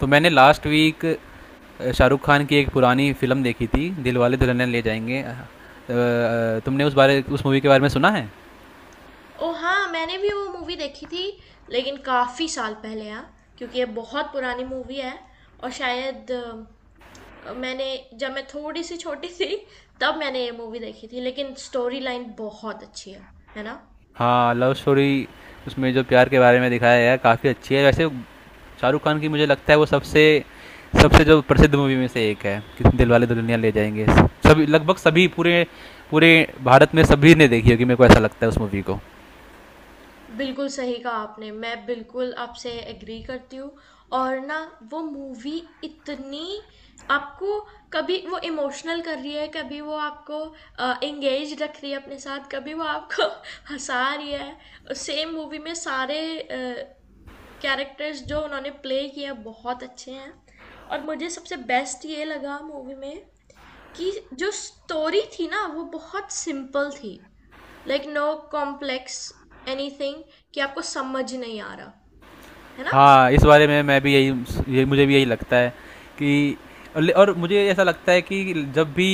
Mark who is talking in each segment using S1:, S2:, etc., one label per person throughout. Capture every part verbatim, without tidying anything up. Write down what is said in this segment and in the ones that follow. S1: तो मैंने last week Shahrukh Khan की एक पुरानी फिल्म देखी थी दिल वाले दुल्हनिया ले जाएंगे। अ, अ, तुमने उस बारे उस मूवी के बारे में सुना है।
S2: ओह हाँ, मैंने भी वो मूवी देखी थी। लेकिन काफ़ी साल पहले यार, क्योंकि ये बहुत पुरानी मूवी है। और शायद अ, मैंने, जब मैं थोड़ी सी छोटी थी तब मैंने ये मूवी देखी थी। लेकिन स्टोरी लाइन बहुत अच्छी है है ना।
S1: हाँ, लव स्टोरी उसमें जो प्यार के बारे में दिखाया गया है काफ़ी अच्छी है वैसे। शाहरुख खान की मुझे लगता है वो सबसे सबसे जो प्रसिद्ध मूवी में से एक है कि दिल वाले दुल्हनिया ले जाएंगे। सभी लगभग सभी पूरे पूरे भारत में सभी ने देखी होगी मेरे को ऐसा लगता है उस मूवी को।
S2: बिल्कुल सही कहा आपने। मैं बिल्कुल आपसे एग्री करती हूँ। और ना, वो मूवी इतनी आपको कभी वो इमोशनल कर रही है, कभी वो आपको अ, एंगेज रख रही है अपने साथ, कभी वो आपको हँसा रही है। सेम मूवी में सारे कैरेक्टर्स जो उन्होंने प्ले किए हैं बहुत अच्छे हैं। और मुझे सबसे बेस्ट ये लगा मूवी में कि जो स्टोरी थी ना वो बहुत सिंपल थी, लाइक नो कॉम्प्लेक्स एनीथिंग कि आपको समझ नहीं आ रहा, है ना।
S1: हाँ, इस बारे में मैं भी यही ये मुझे भी यही लगता है कि और और मुझे ऐसा लगता है कि जब भी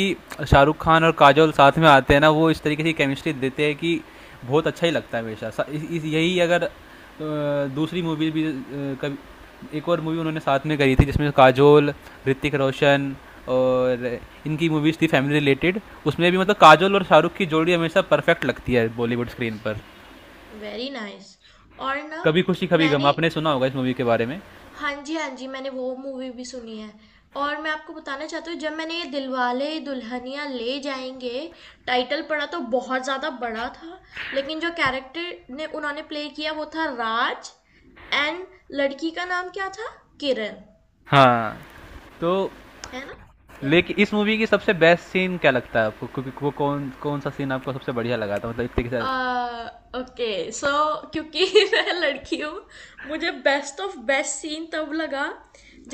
S1: शाहरुख खान और काजोल साथ में आते हैं ना वो इस तरीके की केमिस्ट्री देते हैं कि बहुत अच्छा ही लगता है हमेशा सा- इस- इस- यही अगर अ, दूसरी मूवी भी अ, कभी एक और मूवी उन्होंने साथ में करी थी जिसमें काजोल ऋतिक रोशन और इनकी मूवीज़ थी फैमिली रिलेटेड। उसमें भी मतलब काजोल और शाहरुख की जोड़ी हमेशा परफेक्ट लगती है बॉलीवुड स्क्रीन पर।
S2: Very nice nice। और ना,
S1: कभी खुशी कभी गम
S2: मैंने,
S1: आपने सुना होगा इस मूवी के बारे में।
S2: हाँ जी हाँ जी मैंने वो मूवी भी सुनी है। और मैं आपको बताना चाहती हूँ, जब मैंने ये दिलवाले दुल्हनिया ले जाएंगे टाइटल पढ़ा तो बहुत ज़्यादा बड़ा था। लेकिन जो कैरेक्टर ने उन्होंने प्ले किया वो था राज, एंड लड़की का नाम क्या था, किरण,
S1: हाँ। तो
S2: है ना। या
S1: लेकिन इस मूवी की सबसे बेस्ट सीन क्या लगता है आपको, क्योंकि वो कौन कौन सा सीन आपको सबसे बढ़िया लगा था मतलब इतने के
S2: आ,
S1: साथ।
S2: ओके सो, क्योंकि मैं लड़की हूँ, मुझे बेस्ट ऑफ बेस्ट सीन तब लगा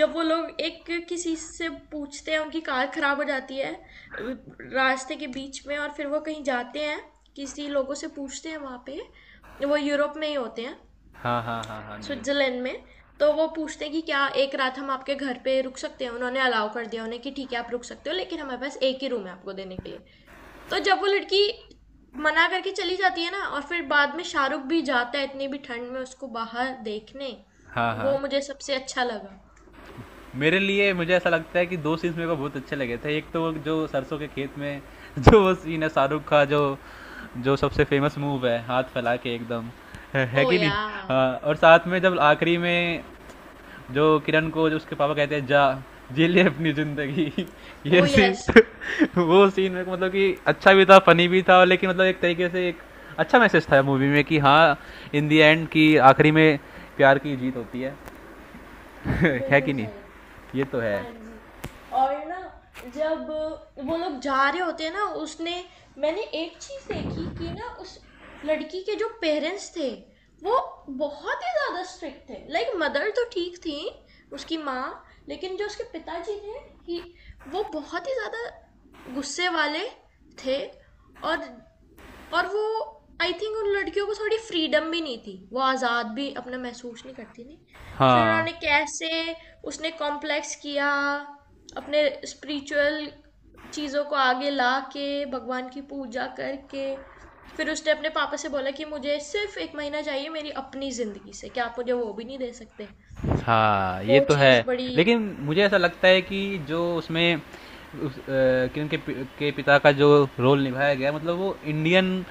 S2: जब वो लोग एक किसी से पूछते हैं, उनकी कार खराब हो जाती है रास्ते के बीच में और फिर वो कहीं जाते हैं, किसी लोगों से पूछते हैं वहाँ पे। वो यूरोप में ही होते हैं,
S1: हाँ, हाँ, हाँ, हाँ जी,
S2: स्विट्जरलैंड में। तो वो पूछते हैं कि क्या एक रात हम आपके घर पे रुक सकते हैं। उन्होंने अलाउ कर दिया उन्हें कि ठीक है आप रुक सकते हो, लेकिन हमारे पास एक ही रूम है आपको देने के लिए। तो जब वो लड़की मना करके चली जाती है ना, और फिर बाद में शाहरुख भी जाता है इतनी भी ठंड में उसको बाहर देखने,
S1: हाँ हाँ।
S2: वो मुझे सबसे अच्छा लगा।
S1: मेरे लिए मुझे ऐसा लगता है कि दो सीन्स मेरे को बहुत अच्छे लगे थे। एक तो वो जो सरसों के खेत में जो वो सीन है शाहरुख का, जो जो सबसे फेमस मूव है हाथ फैला के एकदम। है, है
S2: ओ
S1: कि नहीं।
S2: या।
S1: हाँ, और साथ में जब आखिरी में जो किरण को जो उसके पापा कहते हैं जा जी ले अपनी जिंदगी।
S2: ओ
S1: ये सीन
S2: यस,
S1: वो सीन मेरे को मतलब कि अच्छा भी था फनी भी था, और लेकिन मतलब एक तरीके से एक अच्छा मैसेज था मूवी में कि हाँ इन दी एंड कि आखिरी में प्यार की जीत होती है। है
S2: बिल्कुल
S1: कि नहीं।
S2: सही।
S1: ये तो है।
S2: हाँ जी। और ना, जब वो लोग जा रहे होते हैं ना, उसने, मैंने एक चीज़ देखी कि ना, उस लड़की के जो पेरेंट्स थे वो बहुत ही ज़्यादा स्ट्रिक्ट थे। लाइक मदर तो ठीक थी, उसकी माँ, लेकिन जो उसके पिताजी थे ही वो बहुत ही ज़्यादा गुस्से वाले थे। और और वो, आई थिंक उन लड़कियों को थोड़ी फ्रीडम भी नहीं थी, वो आज़ाद भी अपना महसूस नहीं करती थी। फिर
S1: हाँ।
S2: उन्होंने कैसे, उसने कॉम्प्लेक्स किया अपने स्पिरिचुअल चीज़ों को आगे ला के, भगवान की पूजा करके। फिर उसने अपने पापा से बोला कि मुझे सिर्फ एक महीना चाहिए मेरी अपनी ज़िंदगी से, क्या आप मुझे वो भी नहीं दे सकते।
S1: हाँ
S2: वो
S1: ये तो है।
S2: चीज़ बड़ी।
S1: लेकिन मुझे ऐसा लगता है कि जो उसमें उस, अ, कि उनके पि- के पिता का जो रोल निभाया गया, मतलब वो इंडियन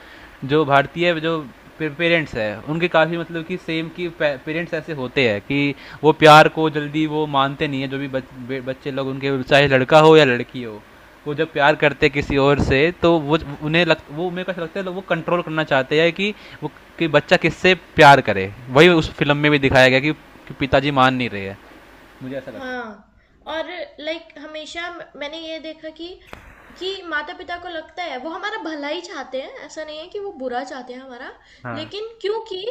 S1: जो भारतीय जो पेरेंट्स है उनके काफ़ी मतलब कि सेम कि पेरेंट्स ऐसे होते हैं कि वो प्यार को जल्दी वो मानते नहीं है। जो भी बच, बे- बच्चे लोग उनके चाहे लड़का हो या लड़की हो, वो जब प्यार करते हैं किसी और से तो वो उन्हें लग वो उन्हें कैसा लगता है वो कंट्रोल करना चाहते हैं कि वो कि बच्चा किससे प्यार करे। वही उस फिल्म में भी दिखाया गया कि, कि पिताजी मान नहीं रहे हैं। मुझे ऐसा लगता है।
S2: हाँ, और लाइक हमेशा म- मैंने ये देखा कि कि माता-पिता को लगता है वो हमारा भला ही चाहते हैं, ऐसा नहीं है कि वो बुरा चाहते हैं हमारा।
S1: हाँ,
S2: लेकिन क्योंकि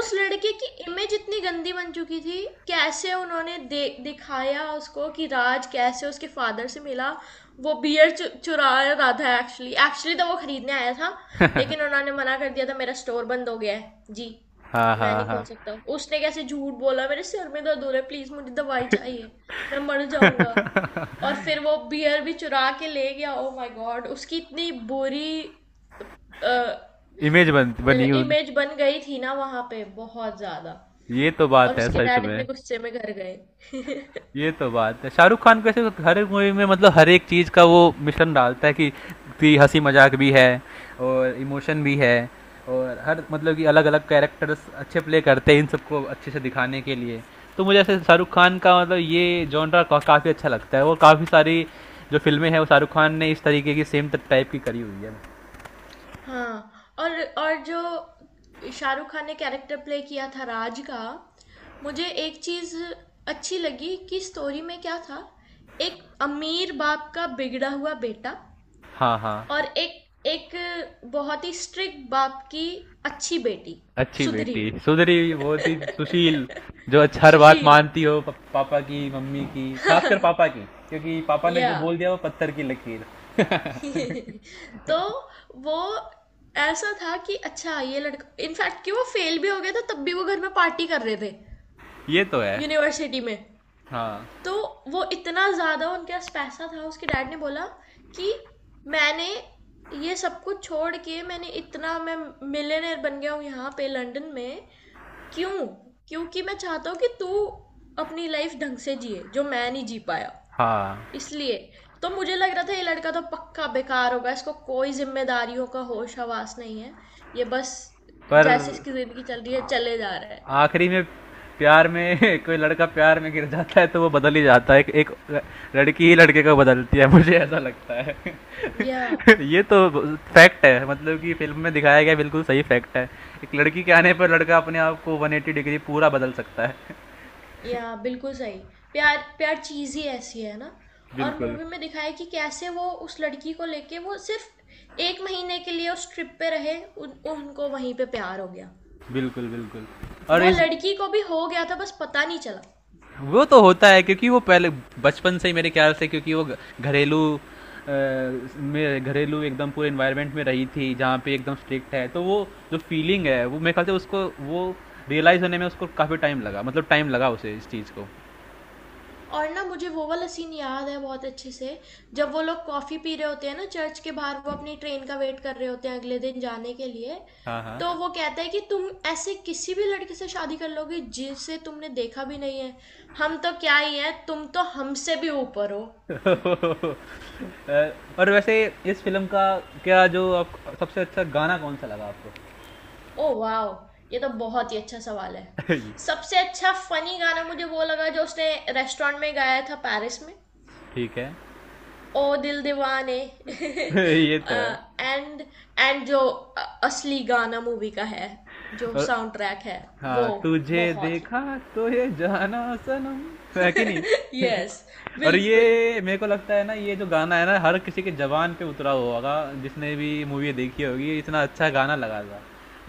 S2: उस लड़के की इमेज इतनी गंदी बन चुकी थी, कैसे उन्होंने दे, दिखाया उसको कि राज कैसे उसके फादर से मिला। वो बियर चु, चुरा रहा था एक्चुअली। एक्चुअली तो वो खरीदने आया था, लेकिन उन्होंने मना कर दिया था, मेरा स्टोर बंद हो गया है जी,
S1: हाँ,
S2: मैं
S1: हाँ,
S2: नहीं खोल
S1: हाँ।
S2: सकता। उसने कैसे झूठ बोला, मेरे सिर में दर्द हो रहा है, प्लीज मुझे दवाई चाहिए, मैं मर जाऊंगा। और फिर वो बियर भी चुरा के ले गया। ओ माय गॉड, उसकी इतनी बुरी
S1: इमेज बन बनी उन।
S2: इमेज बन गई थी ना वहां पे, बहुत ज्यादा।
S1: ये तो
S2: और
S1: बात है
S2: उसके
S1: सच
S2: डैड इतने
S1: में।
S2: गुस्से में घर गए।
S1: ये तो बात है शाहरुख खान कैसे हर एक मूवी में मतलब हर एक चीज़ का वो मिश्रण डालता है कि कि हंसी मजाक भी है और इमोशन भी है, और हर मतलब कि अलग अलग कैरेक्टर्स अच्छे प्ले करते हैं इन सबको अच्छे से दिखाने के लिए। तो मुझे ऐसे शाहरुख खान का मतलब ये जॉनरा काफ़ी अच्छा लगता है, और काफ़ी सारी जो फिल्में हैं वो शाहरुख खान ने इस तरीके की सेम टाइप की करी हुई है।
S2: हाँ, और और जो शाहरुख खान ने कैरेक्टर प्ले किया था राज का, मुझे एक चीज़ अच्छी लगी कि स्टोरी में क्या था, एक अमीर बाप का बिगड़ा हुआ बेटा,
S1: हाँ, हाँ।
S2: और एक एक बहुत ही स्ट्रिक्ट बाप की अच्छी बेटी,
S1: अच्छी
S2: सुधरी
S1: बेटी
S2: हुई,
S1: सुधरी बहुत ही सुशील जो अच्छा हर बात
S2: सुशील,
S1: मानती हो प- पापा की मम्मी की, खासकर पापा की, क्योंकि पापा ने
S2: या।
S1: जो बोल दिया वो पत्थर की लकीर।
S2: तो वो ऐसा था कि अच्छा ये लड़का इनफैक्ट कि वो फेल भी हो गया था, तब भी वो घर में पार्टी कर रहे थे,
S1: ये तो है।
S2: यूनिवर्सिटी में।
S1: हाँ,
S2: तो वो इतना ज़्यादा उनके पास पैसा था। उसके डैड ने बोला कि मैंने ये सब कुछ छोड़ के, मैंने इतना, मैं मिलियनेयर बन गया हूँ यहाँ पे लंदन में, क्यों, क्योंकि मैं चाहता हूँ कि तू अपनी लाइफ ढंग से जिए जो मैं नहीं जी पाया,
S1: हाँ।
S2: इसलिए। तो मुझे लग रहा था ये लड़का तो पक्का बेकार होगा, इसको कोई जिम्मेदारियों का होश हवास नहीं है, ये बस
S1: पर
S2: जैसे इसकी जिंदगी चल रही है चले जा रहा है।
S1: आखिरी में प्यार में कोई लड़का प्यार में गिर जाता है तो वो बदल ही जाता है। एक एक लड़की ही लड़के को बदलती है मुझे ऐसा लगता है।
S2: या।
S1: ये तो फैक्ट है मतलब कि फिल्म में दिखाया गया बिल्कुल सही फैक्ट है। एक लड़की के आने पर लड़का अपने आप को एक सौ अस्सी डिग्री पूरा बदल सकता है।
S2: या बिल्कुल सही। प्यार, प्यार चीज़ ही ऐसी है ना। और
S1: बिल्कुल,
S2: मूवी में दिखाया है कि कैसे वो उस लड़की को लेके वो सिर्फ़ एक महीने के लिए उस ट्रिप पे रहे, उन उनको वहीं पे प्यार हो गया।
S1: बिल्कुल, बिल्कुल। और
S2: वो
S1: इस
S2: लड़की को भी हो गया था, बस पता नहीं चला।
S1: वो तो होता है क्योंकि वो पहले बचपन से ही मेरे ख्याल से क्योंकि वो घ- घरेलू अ, में घरेलू एकदम पूरे इन्वायरमेंट में रही थी जहाँ पे एकदम स्ट्रिक्ट है, तो वो जो फीलिंग है वो मेरे ख्याल से उसको वो रियलाइज होने में उसको काफ़ी टाइम लगा, मतलब टाइम लगा उसे इस चीज़ को।
S2: और ना, मुझे वो वाला सीन याद है बहुत अच्छे से, जब वो लोग कॉफी पी रहे होते हैं ना, चर्च के बाहर वो अपनी ट्रेन का वेट कर रहे होते हैं अगले दिन जाने के लिए।
S1: हाँ, हाँ।
S2: तो वो कहता है कि तुम ऐसे किसी भी लड़के से शादी कर लोगे जिसे तुमने देखा भी नहीं है, हम तो क्या ही है, तुम तो हमसे भी ऊपर हो।
S1: अ, और वैसे इस फिल्म का क्या जो आप सबसे अच्छा गाना कौन सा लगा आपको।
S2: ओ वाओ, ये तो बहुत ही अच्छा सवाल है। सबसे अच्छा फनी गाना मुझे वो लगा जो उसने रेस्टोरेंट में गाया था पेरिस में,
S1: ठीक है।
S2: ओ दिल दीवाने
S1: ये तो है।
S2: एंड एंड जो अ- असली गाना मूवी का है, जो
S1: और
S2: साउंड ट्रैक है, वो
S1: हाँ तुझे
S2: बहुत ही।
S1: देखा। तो ये जाना सनम है कि
S2: यस
S1: नहीं।
S2: yes,
S1: और
S2: बिल्कुल।
S1: ये मेरे को लगता है ना ये जो गाना है ना हर किसी के जबान पे उतरा हुआ होगा। जिसने भी मूवी देखी होगी ये इतना अच्छा गाना लगा था।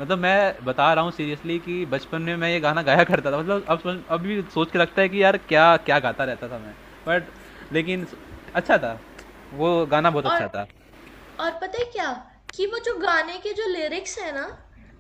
S1: मतलब मैं बता रहा हूँ सीरियसली कि बचपन में मैं ये गाना गाया करता था। मतलब अब समझ- अब भी सोच के लगता है कि यार क्या क्या गाता रहता था मैं। बट लेकिन अच्छा था। वो गाना बहुत
S2: और
S1: अच्छा था।
S2: और पता है क्या, कि वो जो गाने के जो लिरिक्स है ना,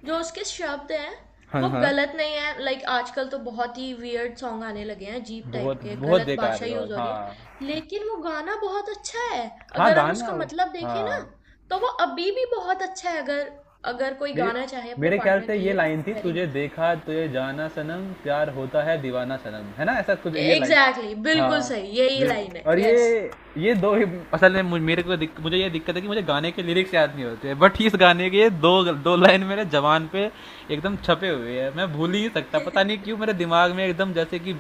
S2: जो उसके शब्द हैं,
S1: हाँ,
S2: वो
S1: हाँ।
S2: गलत नहीं है। लाइक आजकल तो बहुत ही वियर्ड सॉन्ग आने लगे हैं अजीब टाइप
S1: बहुत
S2: के,
S1: बहुत
S2: गलत
S1: बेकार
S2: भाषा
S1: है और
S2: यूज हो रही
S1: हाँ।
S2: है, लेकिन वो गाना बहुत अच्छा है।
S1: हाँ
S2: अगर हम
S1: गाना।
S2: उसका मतलब देखें ना,
S1: हाँ।
S2: तो वो अभी भी बहुत अच्छा है, अगर अगर कोई
S1: मेरे
S2: गाना चाहे अपने
S1: मेरे ख्याल
S2: पार्टनर
S1: से
S2: के
S1: ये
S2: लिए तो।
S1: लाइन थी
S2: वेरी
S1: तुझे
S2: नाइस,
S1: देखा तुझे जाना सनम प्यार होता है दीवाना सनम है ना ऐसा कुछ ये लाइन।
S2: एग्जैक्टली बिल्कुल
S1: हाँ।
S2: सही, यही लाइन
S1: बिल-
S2: है,
S1: और
S2: यस।
S1: ये ये दो ही असल में मुझ- मेरे को दिक, मुझे ये दिक्कत है कि मुझे गाने के लिरिक्स याद नहीं होते हैं, बट इस गाने के ये दो दो लाइन मेरे जवान पे एकदम छपे हुए हैं मैं भूल ही नहीं सकता। पता नहीं क्यों मेरे दिमाग में एकदम जैसे कि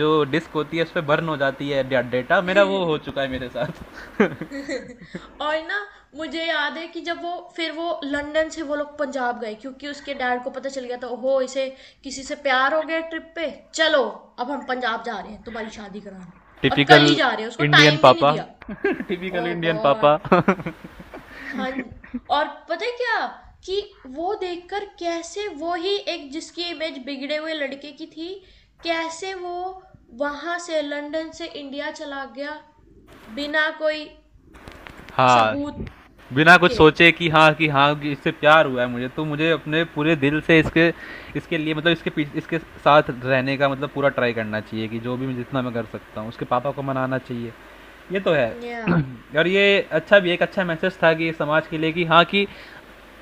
S1: जो डिस्क होती है उस पर बर्न हो जाती है डा- डेटा मेरा वो हो चुका है मेरे साथ।
S2: और ना, मुझे याद है कि जब वो फिर वो लंदन से वो लोग पंजाब गए क्योंकि उसके डैड को पता चल गया था, ओहो इसे किसी से प्यार हो गया, ट्रिप पे, चलो अब हम पंजाब जा रहे हैं तुम्हारी शादी कराने, और कल ही
S1: टिपिकल
S2: जा रहे हैं, उसको
S1: इंडियन
S2: टाइम भी नहीं
S1: पापा।
S2: दिया।
S1: टिपिकल
S2: ओह
S1: इंडियन पापा।
S2: गॉड। हाँ, और पता है क्या, कि वो देखकर कैसे वो ही एक जिसकी इमेज बिगड़े हुए लड़के की थी, कैसे वो वहां से लंदन से इंडिया चला गया बिना कोई
S1: हाँ।
S2: सबूत
S1: बिना कुछ
S2: के।
S1: सोचे कि हाँ कि हाँ कि इससे प्यार हुआ है मुझे तो मुझे अपने पूरे दिल से इसके इसके लिए मतलब इसके पीछे इसके साथ रहने का मतलब पूरा ट्राई करना चाहिए कि जो भी मैं जितना मैं कर सकता हूँ उसके पापा को मनाना चाहिए। ये तो है।
S2: या।
S1: और ये अच्छा भी एक अच्छा मैसेज था कि समाज के लिए कि हाँ कि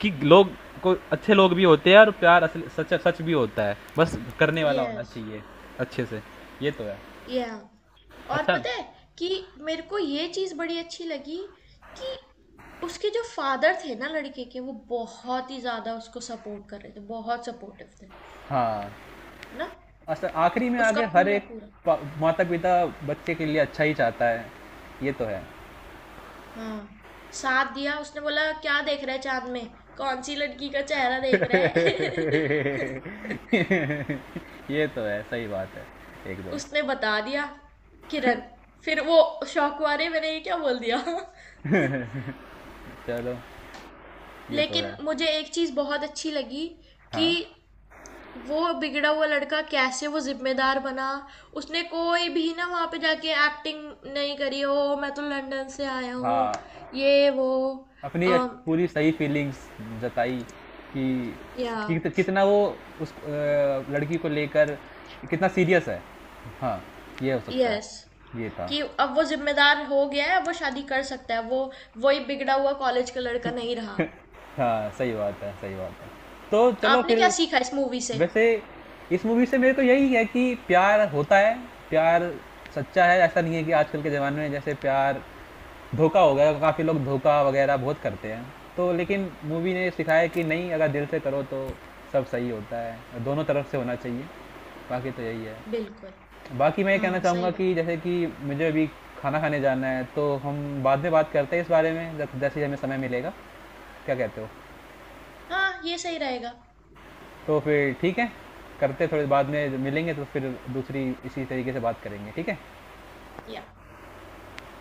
S1: कि लोग को अच्छे लोग भी होते हैं और प्यार असल सच सच भी होता है बस करने वाला होना
S2: यस।
S1: चाहिए अच्छे से। ये तो है।
S2: या। और
S1: अच्छा।
S2: पता है कि मेरे को ये चीज बड़ी अच्छी लगी कि उसके जो फादर थे ना लड़के के, वो बहुत ही ज्यादा उसको सपोर्ट कर रहे थे, बहुत सपोर्टिव थे, है
S1: हाँ,
S2: ना।
S1: असल आखिरी में
S2: उसका
S1: आगे हर
S2: पूरा
S1: एक
S2: पूरा
S1: माता पिता बच्चे के लिए अच्छा ही चाहता है। ये तो है।
S2: हाँ साथ दिया। उसने बोला क्या देख रहा है चांद में, कौन सी लड़की का चेहरा देख रहा है।
S1: ये तो है सही बात है एकदम।
S2: उसने बता दिया, किरण, फिर वो शौक वाले मैंने ये क्या बोल दिया
S1: चलो। ये तो है।
S2: लेकिन मुझे एक चीज बहुत अच्छी लगी कि
S1: हाँ,
S2: वो बिगड़ा हुआ लड़का कैसे वो जिम्मेदार बना। उसने कोई भी ना वहाँ पे जाके एक्टिंग नहीं करी, ओ मैं तो लंदन से आया हूँ
S1: हाँ।
S2: ये वो,
S1: अपनी अच्छ- पूरी सही फीलिंग्स जताई कि
S2: या
S1: कित- कितना वो उस अ, लड़की को लेकर कितना सीरियस है। हाँ ये हो सकता
S2: यस,
S1: है ये था।
S2: कि अब वो जिम्मेदार हो गया है, अब वो शादी कर सकता है, वो वही बिगड़ा हुआ कॉलेज का लड़का नहीं रहा।
S1: हाँ, सही बात है सही बात है। तो चलो
S2: आपने क्या
S1: फिर।
S2: सीखा इस मूवी से।
S1: वैसे इस मूवी से मेरे को यही है कि प्यार होता है। प्यार सच्चा है। ऐसा नहीं है कि आजकल के ज़माने में जैसे प्यार धोखा हो गया, काफ़ी लोग धोखा वगैरह बहुत करते हैं। तो लेकिन मूवी ने सिखाया कि नहीं, अगर दिल से करो तो सब सही होता है। दोनों तरफ से होना चाहिए। बाकी तो यही है।
S2: बिल्कुल।
S1: बाकी मैं ये कहना
S2: हाँ सही
S1: चाहूँगा
S2: बात।
S1: कि जैसे कि मुझे अभी खाना खाने जाना है तो हम बाद में बात करते हैं इस बारे में जब- जैसे ही हमें समय मिलेगा। क्या कहते हो।
S2: हाँ ये सही रहेगा।
S1: तो फिर ठीक है। करते हैं, थोड़ी बाद में मिलेंगे तो फिर दूसरी इसी तरीके से बात करेंगे ठीक है।
S2: या।